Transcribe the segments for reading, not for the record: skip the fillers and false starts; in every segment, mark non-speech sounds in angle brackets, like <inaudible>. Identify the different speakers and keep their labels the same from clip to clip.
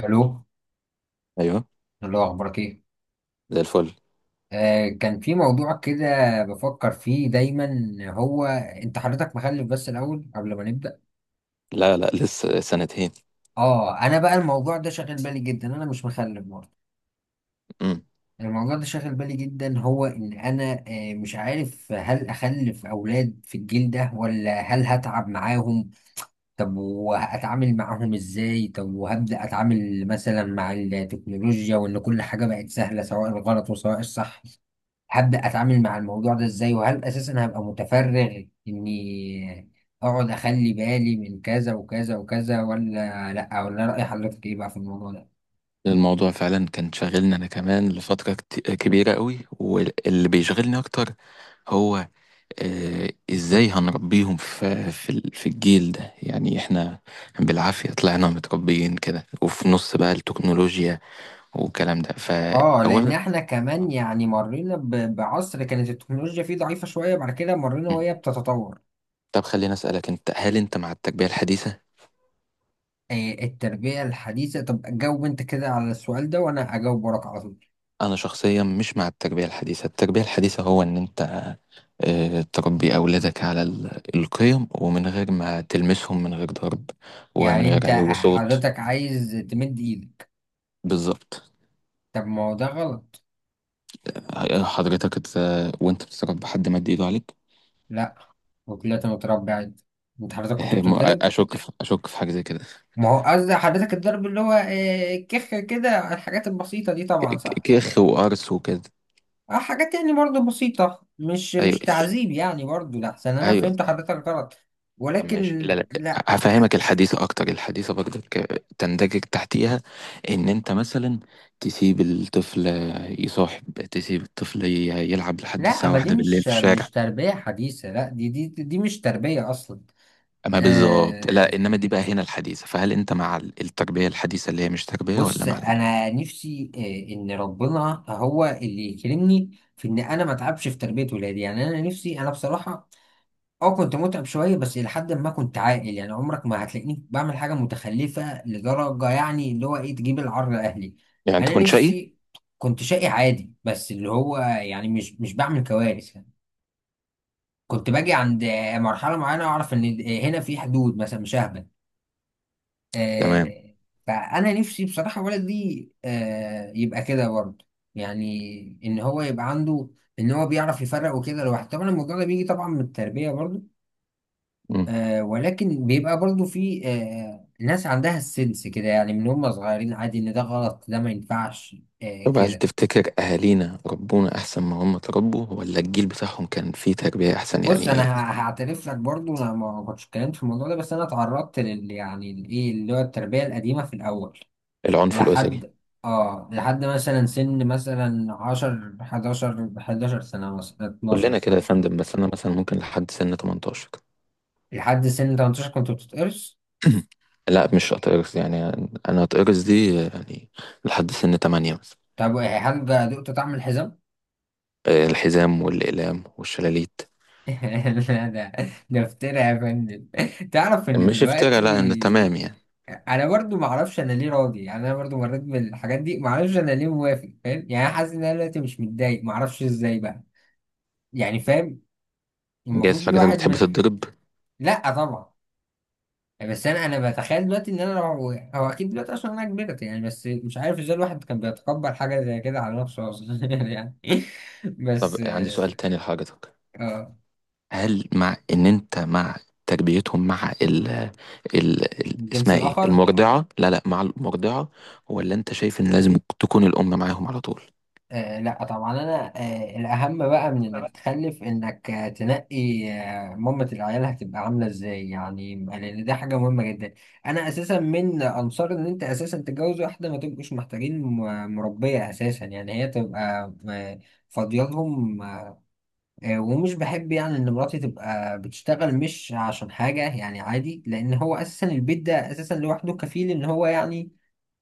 Speaker 1: الو.
Speaker 2: ايوه.
Speaker 1: الله، اخبارك ايه؟
Speaker 2: زي الفل.
Speaker 1: آه، كان في موضوع كده بفكر فيه دايما. هو انت حضرتك مخلف بس الاول قبل ما نبدا؟
Speaker 2: لا لا لسه سنتين.
Speaker 1: اه انا بقى الموضوع ده شاغل بالي جدا، انا مش مخلف برضه.
Speaker 2: امم
Speaker 1: الموضوع ده شاغل بالي جدا، هو ان انا مش عارف هل اخلف اولاد في الجيل ده ولا هل هتعب معاهم؟ طب وهتعامل معاهم ازاي؟ طب وهبدا اتعامل مثلا مع التكنولوجيا وان كل حاجه بقت سهله، سواء الغلط وسواء الصح؟ هبدأ أتعامل مع الموضوع ده إزاي؟ وهل أساسا هبقى متفرغ إني أقعد أخلي بالي من كذا وكذا وكذا ولا لأ؟ ولا رأي حضرتك إيه بقى في الموضوع ده؟
Speaker 2: الموضوع فعلا كان شاغلني انا كمان لفترة كبيرة قوي، واللي بيشغلني اكتر هو ازاي هنربيهم في الجيل ده؟ يعني احنا بالعافية طلعنا متربيين كده، وفي نص بقى التكنولوجيا والكلام ده.
Speaker 1: آه، لأن
Speaker 2: فاولا
Speaker 1: إحنا كمان يعني مرينا بعصر كانت التكنولوجيا فيه ضعيفة شوية، بعد كده مرينا وهي بتتطور.
Speaker 2: طب خليني اسالك، انت هل انت مع التربية الحديثة؟
Speaker 1: آه، التربية الحديثة. طب جاوب أنت كده على السؤال ده وأنا أجاوب وراك على طول.
Speaker 2: انا شخصيا مش مع التربيه الحديثه. التربيه الحديثه هو ان انت تربي اولادك على القيم، ومن غير ما تلمسهم، من غير ضرب، ومن
Speaker 1: يعني
Speaker 2: غير
Speaker 1: أنت
Speaker 2: علو صوت.
Speaker 1: حضرتك عايز تمد إيدك؟
Speaker 2: بالظبط.
Speaker 1: طب ما هو ده غلط.
Speaker 2: حضرتك وانت بتتربى حد مد ايده عليك؟
Speaker 1: لأ. وطلعت متربع؟ أنت حضرتك
Speaker 2: <laughs>
Speaker 1: كنت بتتضرب؟
Speaker 2: اشك في حاجه زي كده.
Speaker 1: ما هو قصدي حضرتك الضرب اللي هو الكخ كده، الحاجات البسيطة دي طبعا صح.
Speaker 2: كيخ وقرص وكده.
Speaker 1: اه، حاجات يعني برضه بسيطة، مش
Speaker 2: ايوه.
Speaker 1: مش تعذيب يعني برضه، لأحسن أنا
Speaker 2: ايوه.
Speaker 1: فهمت حضرتك غلط.
Speaker 2: طب ماشي.
Speaker 1: ولكن
Speaker 2: لا لا.
Speaker 1: لا
Speaker 2: هفهمك الحديثة أكتر. الحديثة برضك تندرج تحتيها، إن أنت مثلا تسيب الطفل يصاحب، تسيب الطفل يلعب لحد
Speaker 1: لا،
Speaker 2: الساعة
Speaker 1: ما دي
Speaker 2: واحدة بالليل
Speaker 1: مش
Speaker 2: في الشارع.
Speaker 1: مش تربية حديثة، لا دي دي مش تربية أصلا.
Speaker 2: أما بالظبط، لا إنما
Speaker 1: آه،
Speaker 2: دي بقى هنا الحديثة. فهل أنت مع التربية الحديثة اللي هي مش تربية، ولا
Speaker 1: بص،
Speaker 2: مع القديمة؟
Speaker 1: أنا نفسي آه إن ربنا هو اللي يكرمني في إن أنا ما أتعبش في تربية ولادي. يعني أنا نفسي أنا بصراحة اه كنت متعب شوية، بس إلى حد ما كنت عاقل. يعني عمرك ما هتلاقيني بعمل حاجة متخلفة لدرجة يعني اللي هو إيه، تجيب العار لأهلي.
Speaker 2: يعني أنت
Speaker 1: أنا
Speaker 2: كنت شقي؟
Speaker 1: نفسي كنت شقي عادي بس اللي هو يعني مش مش بعمل كوارث يعني. كنت باجي عند مرحلة معينة أعرف إن هنا في حدود، مثلا مش ههبل.
Speaker 2: تمام.
Speaker 1: آه، فأنا نفسي بصراحة ولدي يبقى كده برضه، يعني إن هو يبقى عنده إن هو بيعرف يفرق وكده لوحده. طبعا الموضوع ده بيجي طبعا من التربية برضه.
Speaker 2: مم.
Speaker 1: آه، ولكن بيبقى برضو في ناس عندها السنس كده، يعني من هم صغيرين عادي ان ده غلط، ده ما ينفعش. آه
Speaker 2: طب هل
Speaker 1: كده.
Speaker 2: تفتكر أهالينا ربونا أحسن، ما هم تربوا ولا الجيل بتاعهم كان فيه تربية أحسن
Speaker 1: بص، انا
Speaker 2: يعني؟
Speaker 1: هعترف لك برضو، انا ما كنتش اتكلمت في الموضوع ده، بس انا اتعرضت لل يعني الايه اللي هو التربية القديمة في الاول.
Speaker 2: العنف الأسري؟
Speaker 1: لحد اه لحد مثلا سن مثلا 10 11 سنة مثلا 12
Speaker 2: كلنا كده يا
Speaker 1: سنة.
Speaker 2: فندم، بس أنا مثلا ممكن لحد سن 18.
Speaker 1: لحد سن 18 كنت بتتقرص؟
Speaker 2: لا مش هتقرص يعني، انا هتقرص دي يعني لحد سن تمانية مثلا.
Speaker 1: طب هل بقى دقت طعم الحزام؟
Speaker 2: الحزام والأقلام والشلاليت.
Speaker 1: <laughs> لا ده، ده افترا يا فندم. تعرف ان
Speaker 2: مش افترا، لا انا
Speaker 1: دلوقتي
Speaker 2: تمام يعني.
Speaker 1: انا برضو ما اعرفش انا ليه راضي. يعني انا برضو مريت بالحاجات دي، ما اعرفش انا ليه موافق. فاهم يعني؟ انا حاسس ان انا دلوقتي مش متضايق، ما اعرفش ازاي بقى. يعني فاهم،
Speaker 2: جايز
Speaker 1: المفروض
Speaker 2: حضرتك
Speaker 1: الواحد
Speaker 2: بتحب
Speaker 1: من...
Speaker 2: تتضرب؟
Speaker 1: لا طبعا. بس انا بتخيل دلوقتي ان انا لو... هو اكيد دلوقتي عشان انا كبرت يعني، بس مش عارف ازاي الواحد كان بيتقبل حاجه زي كده على نفسه اصلا <laughs> يعني.
Speaker 2: طب
Speaker 1: بس
Speaker 2: عندي سؤال تاني لحضرتك.
Speaker 1: اه.
Speaker 2: هل مع ان انت مع تربيتهم مع ال ال
Speaker 1: الجنس
Speaker 2: اسمها ايه؟
Speaker 1: الاخر؟
Speaker 2: المرضعة. لا لا، مع المرضعة ولا انت شايف ان لازم تكون الأم معاهم على طول؟
Speaker 1: آه لا طبعا، انا آه الاهم بقى من انك تخلف انك آه تنقي آه مامة العيال هتبقى عامله ازاي، يعني لان دي حاجه مهمه جدا. انا اساسا من انصار ان انت اساسا تتجوز واحده ما تبقوش محتاجين مربيه اساسا، يعني هي تبقى فاضيه لهم. آه، ومش بحب يعني ان مراتي تبقى بتشتغل، مش عشان حاجه يعني عادي، لان هو اساسا البيت ده اساسا لوحده كفيل ان هو يعني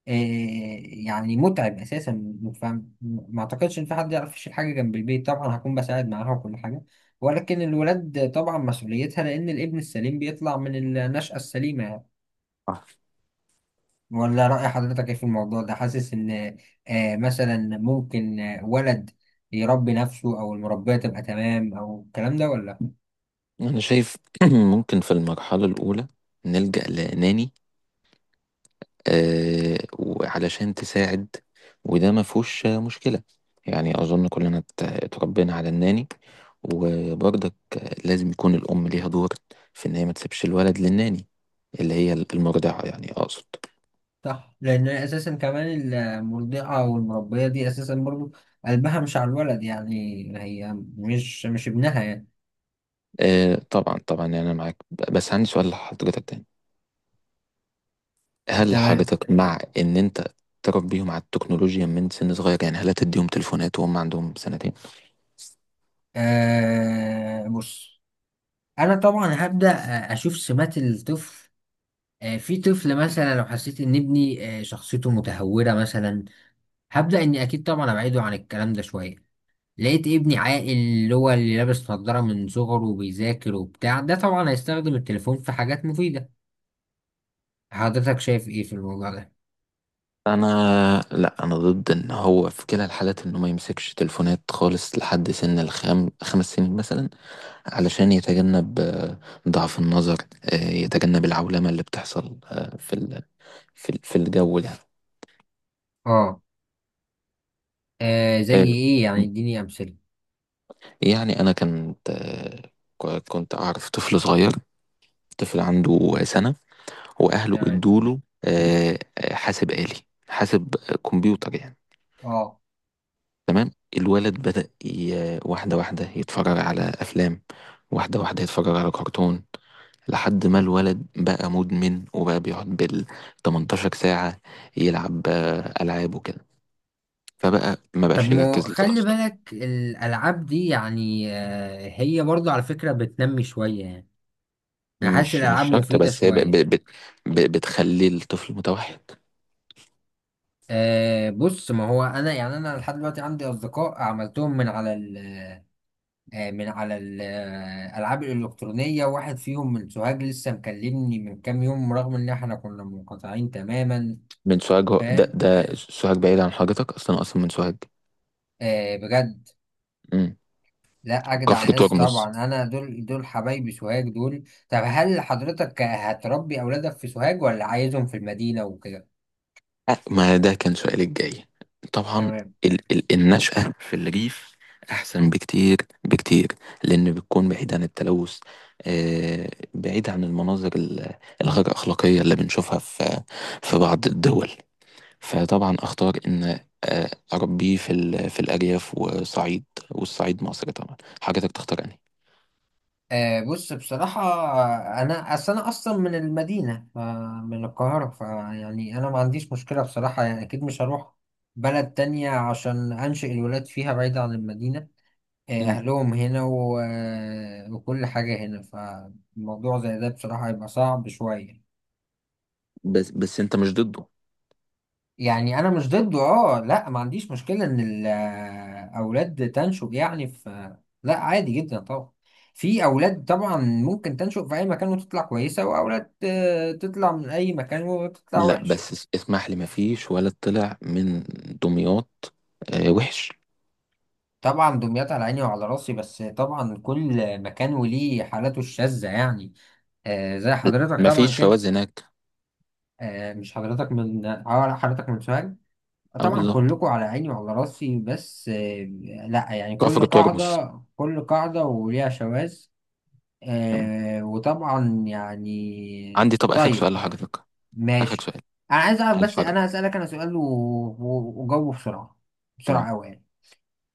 Speaker 1: آه، يعني متعب اساسا، فاهم؟ ما اعتقدش ان في حد يعرف يشيل حاجه جنب البيت. طبعا هكون بساعد معاها وكل حاجه، ولكن الولاد طبعا مسؤوليتها، لان الابن السليم بيطلع من النشأة السليمه يعني.
Speaker 2: آه.
Speaker 1: ولا رأي حضرتك ايه في الموضوع ده؟ حاسس ان مثلا ممكن ولد يربي نفسه، او المربيه تبقى تمام، او الكلام ده؟ ولا
Speaker 2: انا شايف <clears throat> ممكن في المرحلة الأولى نلجأ لناني، وعلشان تساعد، وده ما فيهوش مشكلة. يعني أظن كلنا اتربينا على الناني. وبرضك لازم يكون الأم ليها دور في إن هي ما تسيبش الولد للناني، اللي هي المرضعة يعني أقصد.
Speaker 1: صح لان اساسا كمان المرضعه والمربيه دي اساسا برضو قلبها مش على الولد يعني، هي مش مش ابنها يعني.
Speaker 2: طبعا طبعا. يعني أنا معاك، بس عندي سؤال لحضرتك تاني. هل
Speaker 1: تمام.
Speaker 2: حضرتك مع إن أنت تربيهم على التكنولوجيا من سن صغير؟ يعني هل هتديهم تليفونات وهم عندهم سنتين؟
Speaker 1: بص، انا طبعا هبدا اشوف سمات الطفل. في طفل مثلا لو حسيت ان ابني آه شخصيته متهوره مثلا، هبدا اني اكيد طبعا ابعده عن الكلام ده شويه. لقيت ابني عاقل اللي هو اللي لابس نظاره من صغره وبيذاكر وبتاع ده، طبعا هيستخدم التليفون في حاجات مفيده. حضرتك شايف ايه في الموضوع ده؟
Speaker 2: انا لا انا ضد، ان هو في كلا الحالات انه ما يمسكش تليفونات خالص لحد سن 5 سنين مثلا، علشان يتجنب ضعف النظر، يتجنب العولمة اللي بتحصل في الجو يعني.
Speaker 1: اه. آه زي
Speaker 2: آه،
Speaker 1: ايه يعني؟ اديني امثله.
Speaker 2: يعني انا كنت كنت اعرف طفل صغير، طفل عنده سنة، واهله
Speaker 1: تمام.
Speaker 2: ادوله حاسب آلي، حاسب، كمبيوتر يعني.
Speaker 1: اه.
Speaker 2: تمام. الولد بدأ واحدة واحدة يتفرج على أفلام، واحدة واحدة يتفرج على كرتون، لحد ما الولد بقى مدمن وبقى بيقعد بال 18 ساعة يلعب ألعاب وكده، فبقى ما بقاش
Speaker 1: طب ما
Speaker 2: يركز
Speaker 1: خلي
Speaker 2: لدراسته.
Speaker 1: بالك الألعاب دي يعني، هي برضو على فكرة بتنمي شوية يعني. أنا حاسس
Speaker 2: مش
Speaker 1: الألعاب
Speaker 2: شرط،
Speaker 1: مفيدة
Speaker 2: بس هي
Speaker 1: شوية.
Speaker 2: بتخلي الطفل متوحد.
Speaker 1: أه بص، ما هو أنا يعني أنا لحد دلوقتي عندي أصدقاء عملتهم من على ال من على الألعاب الإلكترونية، واحد فيهم من سوهاج لسه مكلمني من كام يوم رغم إن إحنا كنا منقطعين تماما.
Speaker 2: من سوهاج؟ هو- ده
Speaker 1: فاهم؟
Speaker 2: ده سوهاج بعيد عن حضرتك أصلا، أصلا من سوهاج؟
Speaker 1: أه بجد.
Speaker 2: مم.
Speaker 1: لا اجدع
Speaker 2: كفر
Speaker 1: ناس
Speaker 2: ترمز.
Speaker 1: طبعا، انا دول حبايبي سوهاج دول. طب هل حضرتك هتربي اولادك في سوهاج ولا عايزهم في المدينة وكده؟
Speaker 2: ما ده كان سؤالي الجاي. طبعا
Speaker 1: تمام.
Speaker 2: ال النشأة في الريف أحسن بكتير، بكتير، لأن بتكون بعيد عن التلوث، آه، بعيد عن المناظر الغير أخلاقية اللي بنشوفها في في بعض الدول. فطبعا أختار إن آه أربيه في الأرياف وصعيد، والصعيد مصر طبعا حضرتك تختار أنهي.
Speaker 1: آه بص، بصراحة انا اصل انا اصلا من المدينة من القاهرة، فيعني انا ما عنديش مشكلة بصراحة، يعني اكيد مش هروح بلد تانية عشان انشئ الولاد فيها بعيد عن المدينة.
Speaker 2: مم.
Speaker 1: اهلهم هنا وكل حاجة هنا، فالموضوع زي ده بصراحة هيبقى صعب شوية.
Speaker 2: بس بس أنت مش ضده؟
Speaker 1: يعني انا مش ضده، اه لا، ما عنديش مشكله ان الاولاد تنشب يعني في... لا عادي جدا طبعا، في اولاد طبعا ممكن تنشب في اي مكان وتطلع كويسه، واولاد تطلع من اي مكان وتطلع
Speaker 2: لا
Speaker 1: وحش.
Speaker 2: بس اسمح لي، ما فيش ولا طلع من دمياط آه وحش.
Speaker 1: طبعا دمياط على عيني وعلى راسي، بس طبعا كل مكان وليه حالاته الشاذه يعني. زي حضرتك طبعا
Speaker 2: مفيش
Speaker 1: كده.
Speaker 2: فوائد هناك.
Speaker 1: مش حضرتك من حضرتك من سوهاج؟
Speaker 2: اه
Speaker 1: طبعا
Speaker 2: بالظبط.
Speaker 1: كلكم على عيني وعلى راسي، بس لا يعني كل
Speaker 2: كفر ترمس.
Speaker 1: قاعدة كل قاعدة وليها شواذ.
Speaker 2: تمام.
Speaker 1: وطبعا
Speaker 2: عندي
Speaker 1: يعني،
Speaker 2: طب اخر سؤال
Speaker 1: طيب طيب.
Speaker 2: لحضرتك. اخر
Speaker 1: ماشي.
Speaker 2: سؤال.
Speaker 1: انا عايز اعرف،
Speaker 2: هل
Speaker 1: بس
Speaker 2: حضرتك؟
Speaker 1: انا هسألك انا سؤال وجاوبه بسرعة، بسرعة
Speaker 2: تمام.
Speaker 1: قوي يعني.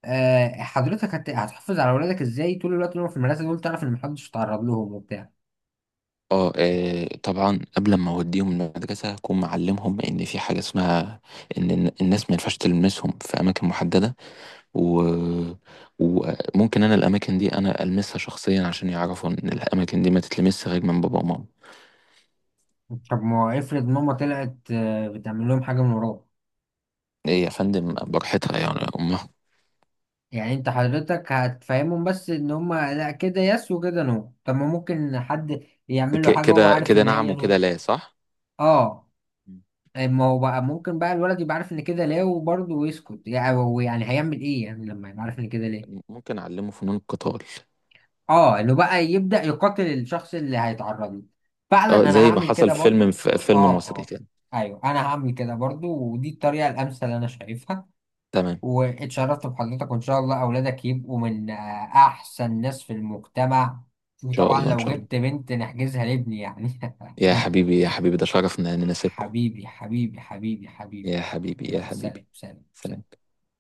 Speaker 1: حضرتك هتحافظ على اولادك ازاي طول الوقت وهم في المدرسة دول؟ تعرف ان محدش يتعرض لهم وبتاع.
Speaker 2: اه طبعا قبل ما اوديهم المدرسه هكون معلمهم ان في حاجه اسمها ان الناس ما ينفعش تلمسهم في اماكن محدده. و... وممكن انا الاماكن دي انا المسها شخصيا عشان يعرفوا ان الاماكن دي ما تتلمسش غير من بابا وماما.
Speaker 1: طب ما افرض ماما طلعت بتعمل لهم حاجة من وراك؟
Speaker 2: ايه يا فندم براحتها يعني يا امها.
Speaker 1: يعني انت حضرتك هتفهمهم بس ان هما لا كده يس وكده نو، طب ما ممكن حد يعمل له حاجة وهو
Speaker 2: كده
Speaker 1: عارف
Speaker 2: كده
Speaker 1: ان
Speaker 2: نعم
Speaker 1: هي
Speaker 2: وكده
Speaker 1: نو؟
Speaker 2: لا، صح.
Speaker 1: اه.
Speaker 2: مم.
Speaker 1: ما هو بقى ممكن بقى الولد يبقى عارف ان كده لا وبرضه ويسكت، يعني هو يعني هيعمل ايه يعني لما يبقى عارف ان كده ليه؟
Speaker 2: ممكن اعلمه فنون القتال.
Speaker 1: اه، انه بقى يبدأ يقاتل الشخص اللي هيتعرض له.
Speaker 2: اه
Speaker 1: فعلا انا
Speaker 2: زي ما
Speaker 1: هعمل
Speaker 2: حصل
Speaker 1: كده
Speaker 2: في فيلم،
Speaker 1: برضه.
Speaker 2: في
Speaker 1: اه
Speaker 2: فيلم مصري
Speaker 1: اه.
Speaker 2: كده.
Speaker 1: ايوه، انا هعمل كده برضه، ودي الطريقة الامثل انا شايفها.
Speaker 2: تمام. ان
Speaker 1: واتشرفت بحضرتك، وان شاء الله اولادك يبقوا من احسن ناس في المجتمع.
Speaker 2: شاء
Speaker 1: وطبعا
Speaker 2: الله ان
Speaker 1: لو
Speaker 2: شاء الله.
Speaker 1: جبت بنت نحجزها لابني يعني <laughs>
Speaker 2: يا حبيبي يا حبيبي، ده شرف ان انا نسيبكم.
Speaker 1: حبيبي حبيبي حبيبي حبيبي.
Speaker 2: يا حبيبي يا
Speaker 1: يلا سلام
Speaker 2: حبيبي.
Speaker 1: سلام
Speaker 2: سلام.
Speaker 1: سلام.